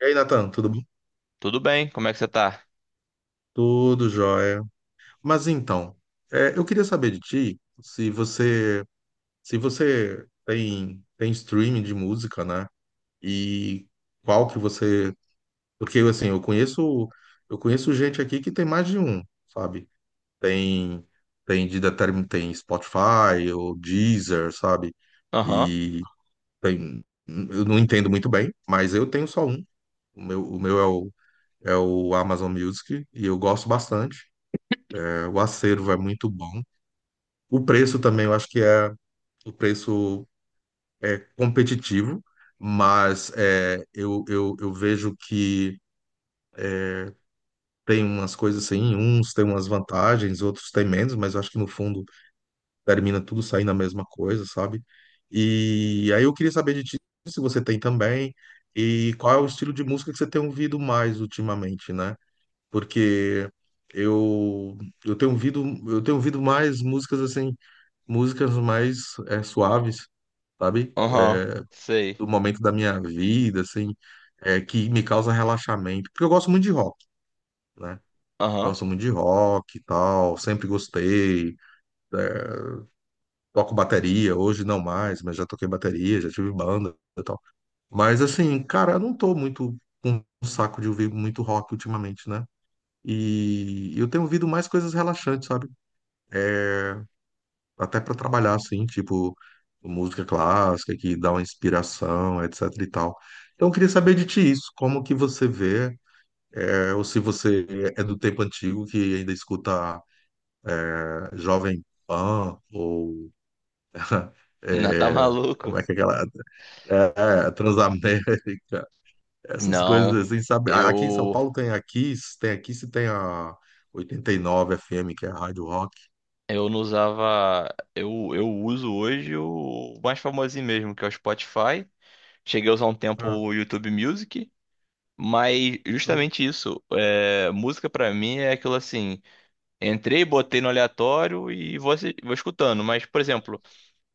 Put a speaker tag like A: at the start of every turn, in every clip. A: E aí, Natan, tudo bom?
B: Tudo bem, como é que você tá?
A: Tudo jóia. Mas então, eu queria saber de ti se você se você tem streaming de música, né? E qual que você, porque assim, eu conheço gente aqui que tem mais de um, sabe? Tem tem Spotify ou Deezer, sabe?
B: Aham,
A: E tem eu não entendo muito bem, mas eu tenho só um. O meu é o Amazon Music e eu gosto bastante. É, o acervo é muito bom. O preço também, eu acho que o preço é competitivo, mas eu vejo que tem umas coisas assim, uns têm umas vantagens, outros têm menos, mas eu acho que no fundo termina tudo saindo a mesma coisa, sabe? E aí eu queria saber de ti se você tem também e qual é o estilo de música que você tem ouvido mais ultimamente, né? Porque eu, eu tenho ouvido mais músicas assim músicas mais, suaves, sabe?
B: aham,
A: É,
B: sei.
A: do momento da minha vida, assim, que me causa relaxamento. Porque eu gosto muito de rock, né?
B: Aham,
A: Gosto muito de rock e tal, sempre gostei. Toco bateria, hoje não mais, mas já toquei bateria, já tive banda e tal. Mas assim, cara, eu não tô muito com um saco de ouvir muito rock ultimamente, né? E eu tenho ouvido mais coisas relaxantes, sabe? Até para trabalhar assim, tipo música clássica que dá uma inspiração, etc e tal. Então eu queria saber de ti isso, como que você vê, ou se você é do tempo antigo que ainda escuta Jovem Pan ou
B: não tá
A: é,
B: maluco?
A: como é que é aquela Transamérica, essas coisas
B: Não,
A: assim, sabe? Aqui em São
B: eu
A: Paulo tem a Kiss e tem a 89 FM, que é a Rádio Rock.
B: eu não usava. Eu uso hoje o mais famosinho mesmo, que é o Spotify. Cheguei a usar um tempo
A: Ah,
B: o YouTube Music, mas justamente isso, música pra mim é aquilo assim, entrei, botei no aleatório e vou, vou escutando, mas por exemplo,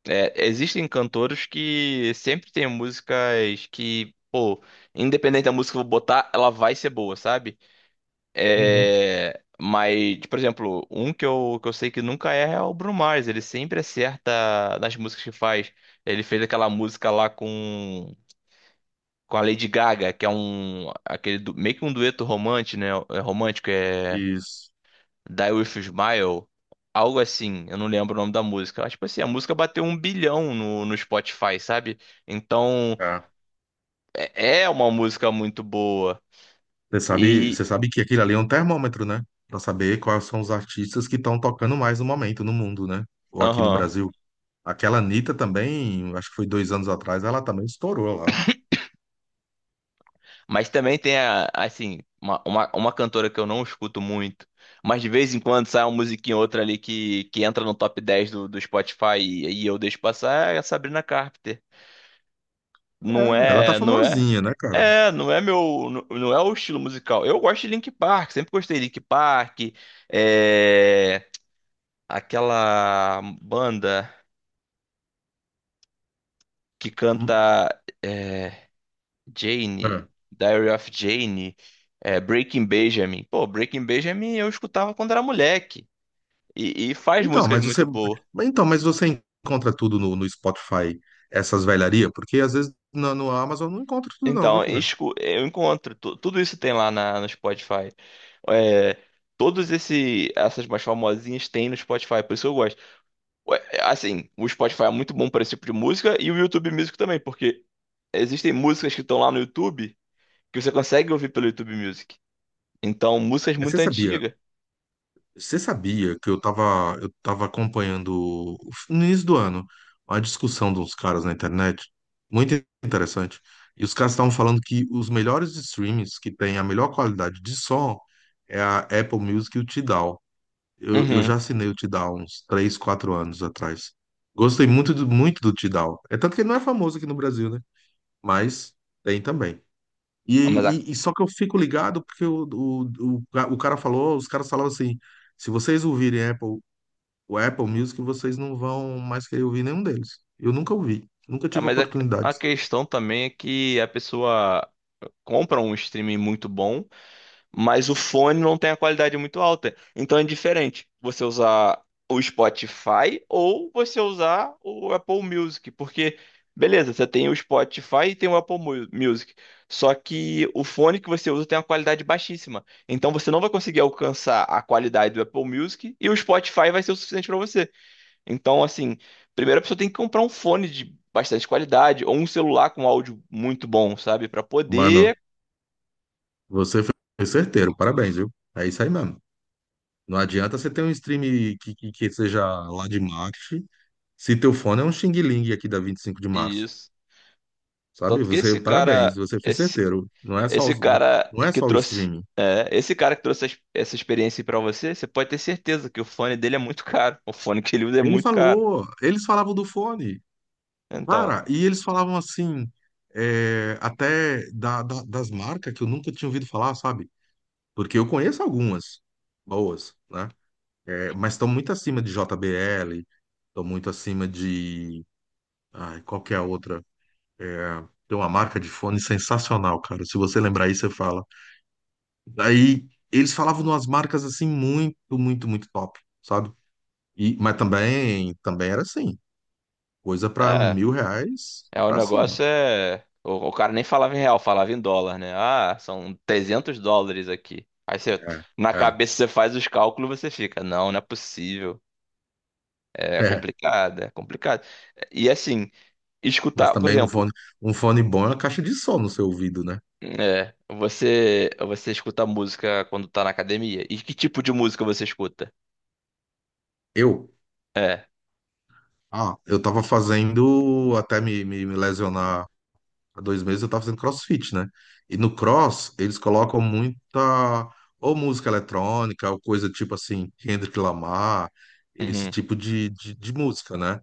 B: Existem cantores que sempre tem músicas que, pô, independente da música que eu vou botar, ela vai ser boa, sabe?
A: uhum.
B: É, mas, por exemplo, um que eu sei que nunca erra é o Bruno Mars. Ele sempre acerta nas músicas que faz. Ele fez aquela música lá com a Lady Gaga, que é um, aquele, meio que um dueto romântico, né? É romântico, é
A: Isso.
B: Die With a Smile, algo assim, eu não lembro o nome da música. Mas, tipo assim, a música bateu um bilhão no Spotify, sabe? Então,
A: É.
B: é uma música muito boa. E,
A: Você sabe que aquilo ali é um termômetro, né? Para saber quais são os artistas que estão tocando mais no momento no mundo, né? Ou aqui no
B: aham.
A: Brasil. Aquela Anitta também, acho que foi 2 anos atrás, ela também estourou lá.
B: Mas também tem, assim, uma cantora que eu não escuto muito, mas de vez em quando sai uma musiquinha ou outra ali que entra no top 10 do Spotify e eu deixo passar, é a Sabrina Carpenter. Não
A: É, ela tá
B: é, não é?
A: famosinha, né, cara?
B: É, não é meu, não é o estilo musical. Eu gosto de Linkin Park, sempre gostei de Linkin Park. É, aquela banda que
A: Hum,
B: canta é, Jane,
A: é.
B: Diary of Jane, é, Breaking Benjamin. Pô, Breaking Benjamin eu escutava quando era moleque e faz
A: Então,
B: músicas
A: mas você,
B: muito boas.
A: então, mas você encontra tudo no Spotify, essas velharias? Porque às vezes no Amazon não encontra tudo não, viu,
B: Então,
A: cara?
B: eu encontro, tudo isso tem lá no Spotify. É, essas mais famosinhas tem no Spotify, por isso que eu gosto. Ué, é, assim, o Spotify é muito bom para esse tipo de música e o YouTube Music também, porque existem músicas que estão lá no YouTube que você consegue ouvir pelo YouTube Music. Então, músicas
A: Mas
B: muito
A: você sabia?
B: antigas.
A: Você sabia que eu tava acompanhando no início do ano uma discussão de uns caras na internet, muito interessante. E os caras estavam falando que os melhores streams que têm a melhor qualidade de som é a Apple Music e o Tidal. Eu já
B: Uhum.
A: assinei o Tidal uns 3 4 anos atrás. Gostei muito do Tidal. É tanto que ele não é famoso aqui no Brasil, né? Mas tem também. E,
B: Ah, Mas, a,
A: e só que eu fico ligado porque o cara falou, os caras falavam assim, se vocês ouvirem Apple, o Apple Music, vocês não vão mais querer ouvir nenhum deles. Eu nunca ouvi, nunca
B: ah,
A: tive
B: mas a, a
A: oportunidade.
B: questão também é que a pessoa compra um streaming muito bom, mas o fone não tem a qualidade muito alta. Então é diferente você usar o Spotify ou você usar o Apple Music, porque beleza, você tem o Spotify e tem o Music, só que o fone que você usa tem uma qualidade baixíssima. Então você não vai conseguir alcançar a qualidade do Apple Music e o Spotify vai ser o suficiente para você. Então assim, primeiro a pessoa tem que comprar um fone de bastante qualidade ou um celular com áudio muito bom, sabe, para
A: Mano,
B: poder.
A: você foi certeiro, parabéns, viu? É isso aí mesmo. Não adianta você ter um stream que seja lá de marketing, se teu fone é um Xing Ling aqui da 25 de Março,
B: Isso.
A: sabe?
B: Tanto que
A: Você, parabéns, você foi certeiro.
B: esse cara
A: Não é
B: que
A: só o streaming.
B: esse cara que trouxe essa experiência para você, você pode ter certeza que o fone dele é muito caro. O fone que ele usa é
A: Ele
B: muito caro.
A: falou, eles falavam do fone.
B: Então,
A: Cara, e eles falavam assim, até das marcas que eu nunca tinha ouvido falar, sabe? Porque eu conheço algumas boas, né? É, mas estão muito acima de JBL, estão muito acima de. Ai, qual que é a outra? É, tem uma marca de fone sensacional, cara. Se você lembrar aí, você fala. Daí eles falavam de umas marcas assim muito, muito, muito top, sabe? E, mas também, também era assim, coisa para
B: é,
A: 1.000 reais
B: é o
A: pra cima.
B: negócio é, o cara nem falava em real, falava em dólar, né? Ah, são 300 dólares aqui. Aí você,
A: É,
B: na
A: é.
B: cabeça você faz os cálculos, você fica, não, não é possível. É complicado, é complicado. E assim,
A: Mas
B: escutar, por
A: também
B: exemplo,
A: um fone bom é uma caixa de som no seu ouvido, né?
B: é, você escuta música quando tá na academia? E que tipo de música você escuta?
A: Eu,
B: É.
A: eu tava fazendo, até me lesionar há 2 meses, eu tava fazendo CrossFit, né? E no Cross, eles colocam ou música eletrônica, ou coisa tipo assim, Kendrick Lamar, esse
B: Uhum.
A: tipo de música, né?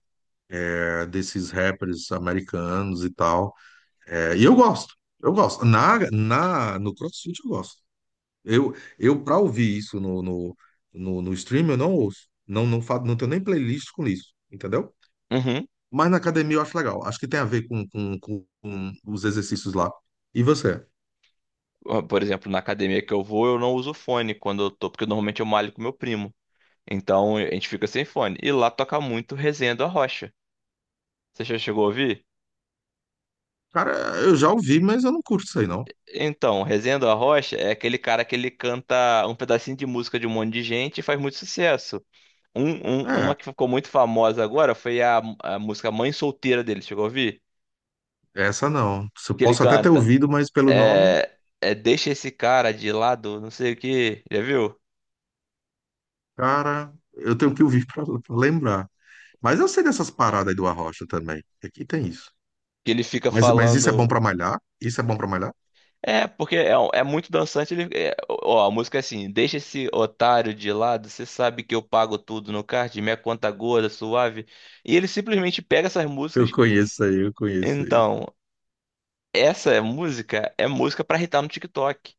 A: É, desses rappers americanos e tal. E eu gosto, eu gosto. No CrossFit eu gosto. Eu para ouvir isso no stream, eu não ouço. Não tenho nem playlist com isso, entendeu?
B: Uhum.
A: Mas na academia eu acho legal. Acho que tem a ver com os exercícios lá. E você?
B: Ó, por exemplo, na academia que eu vou, eu não uso fone quando eu tô, porque normalmente eu malho com meu primo. Então, a gente fica sem fone. E lá toca muito Resenha do Arrocha. Você já chegou a ouvir?
A: Cara, eu já ouvi, mas eu não curto isso aí, não.
B: Então, Resenha do Arrocha é aquele cara que ele canta um pedacinho de música de um monte de gente e faz muito sucesso. Uma
A: É,
B: que ficou muito famosa agora foi a música Mãe Solteira dele. Chegou a ouvir?
A: essa não. Eu
B: Que ele
A: posso até ter
B: canta.
A: ouvido, mas pelo nome,
B: É, é deixa esse cara de lado, não sei o que, já viu?
A: cara, eu tenho que ouvir para lembrar. Mas eu sei dessas paradas aí do Arrocha também. Aqui tem isso.
B: Que ele fica
A: Mas isso é bom
B: falando.
A: para malhar? Isso é bom para malhar?
B: É, porque é, é muito dançante. Ele, é, ó, a música é assim: deixa esse otário de lado, você sabe que eu pago tudo no card, minha conta gorda, suave. E ele simplesmente pega essas
A: Eu
B: músicas.
A: conheço aí, eu conheço aí.
B: Então, essa música é música pra irritar no TikTok.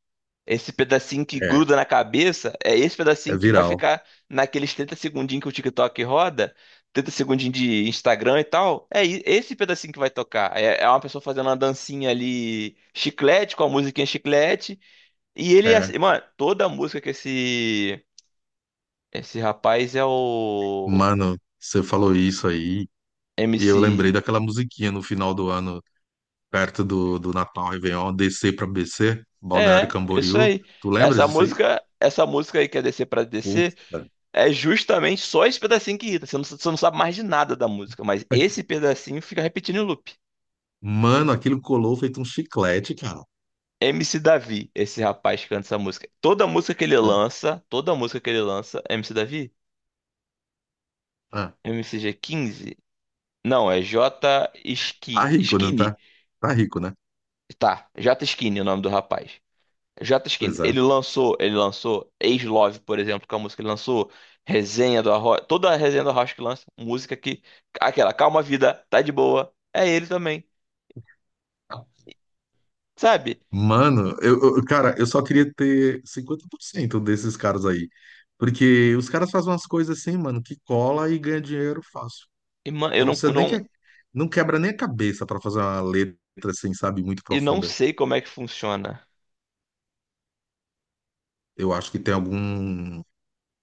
B: Esse pedacinho que
A: É,
B: gruda na cabeça é esse
A: é
B: pedacinho que vai
A: viral.
B: ficar naqueles 30 segundinhos que o TikTok roda, 30 segundinhos de Instagram e tal. É esse pedacinho que vai tocar. É, é uma pessoa fazendo uma dancinha ali, chiclete, com a musiquinha chiclete. E ele, mano, toda a música que esse rapaz é o
A: Mano, você falou isso aí, e eu lembrei
B: MC.
A: daquela musiquinha no final do ano, perto do Natal Réveillon, descer pra BC, Balneário
B: É, isso
A: Camboriú.
B: aí.
A: Tu lembras disso aí?
B: Essa música aí que é descer pra
A: Putz,
B: descer.
A: cara.
B: É justamente só esse pedacinho que irrita. Você não sabe mais de nada da música, mas esse pedacinho fica repetindo em loop.
A: Mano, aquilo colou feito um chiclete, cara.
B: MC Davi, esse rapaz que canta essa música. Toda música que ele
A: É.
B: lança, toda música que ele lança, MC Davi?
A: Ah,
B: MCG15? Não, é J
A: tá
B: Ski,
A: rico, não
B: Skinny.
A: tá? Tá rico, né?
B: Tá, J Skinny é o nome do rapaz. J Skinny.
A: Pois é.
B: Ele lançou Ex Love, por exemplo, que é uma música que ele lançou. Resenha do Arroz, toda a resenha do Arroz que lança, música que aquela Calma Vida, tá de boa, é ele também. Sabe?
A: Mano, cara, eu só queria ter 50% desses caras aí. Porque os caras fazem umas coisas assim, mano, que cola e ganha dinheiro fácil.
B: E, mano,
A: Não precisa
B: eu
A: nem que
B: não,
A: é, não quebra nem a cabeça pra fazer uma letra assim, sabe, muito
B: e não
A: profunda.
B: sei como é que funciona.
A: Eu acho que tem algum,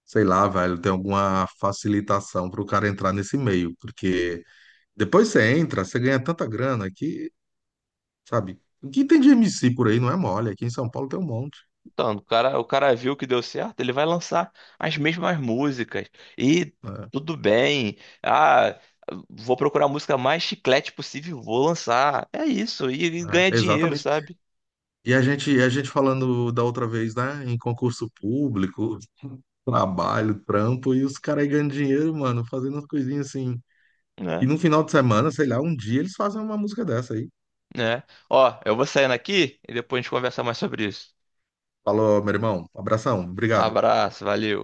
A: sei lá, velho, tem alguma facilitação pro cara entrar nesse meio, porque depois você entra, você ganha tanta grana que, sabe, o que tem de MC por aí não é mole, aqui em São Paulo tem um monte.
B: Então, o cara viu que deu certo, ele vai lançar as mesmas músicas. E
A: Né?
B: tudo bem. Ah, vou procurar a música mais chiclete possível, e vou lançar. É isso. E ganha
A: É,
B: dinheiro,
A: exatamente.
B: sabe?
A: A gente falando da outra vez, né? Em concurso público, trabalho, trampo, e os caras aí ganhando dinheiro, mano, fazendo umas coisinhas assim, e
B: Né?
A: no final de semana, sei lá, um dia eles fazem uma música dessa aí.
B: Né? Ó, eu vou saindo aqui e depois a gente conversa mais sobre isso.
A: Falou, meu irmão. Abração. Obrigado.
B: Abraço, valeu.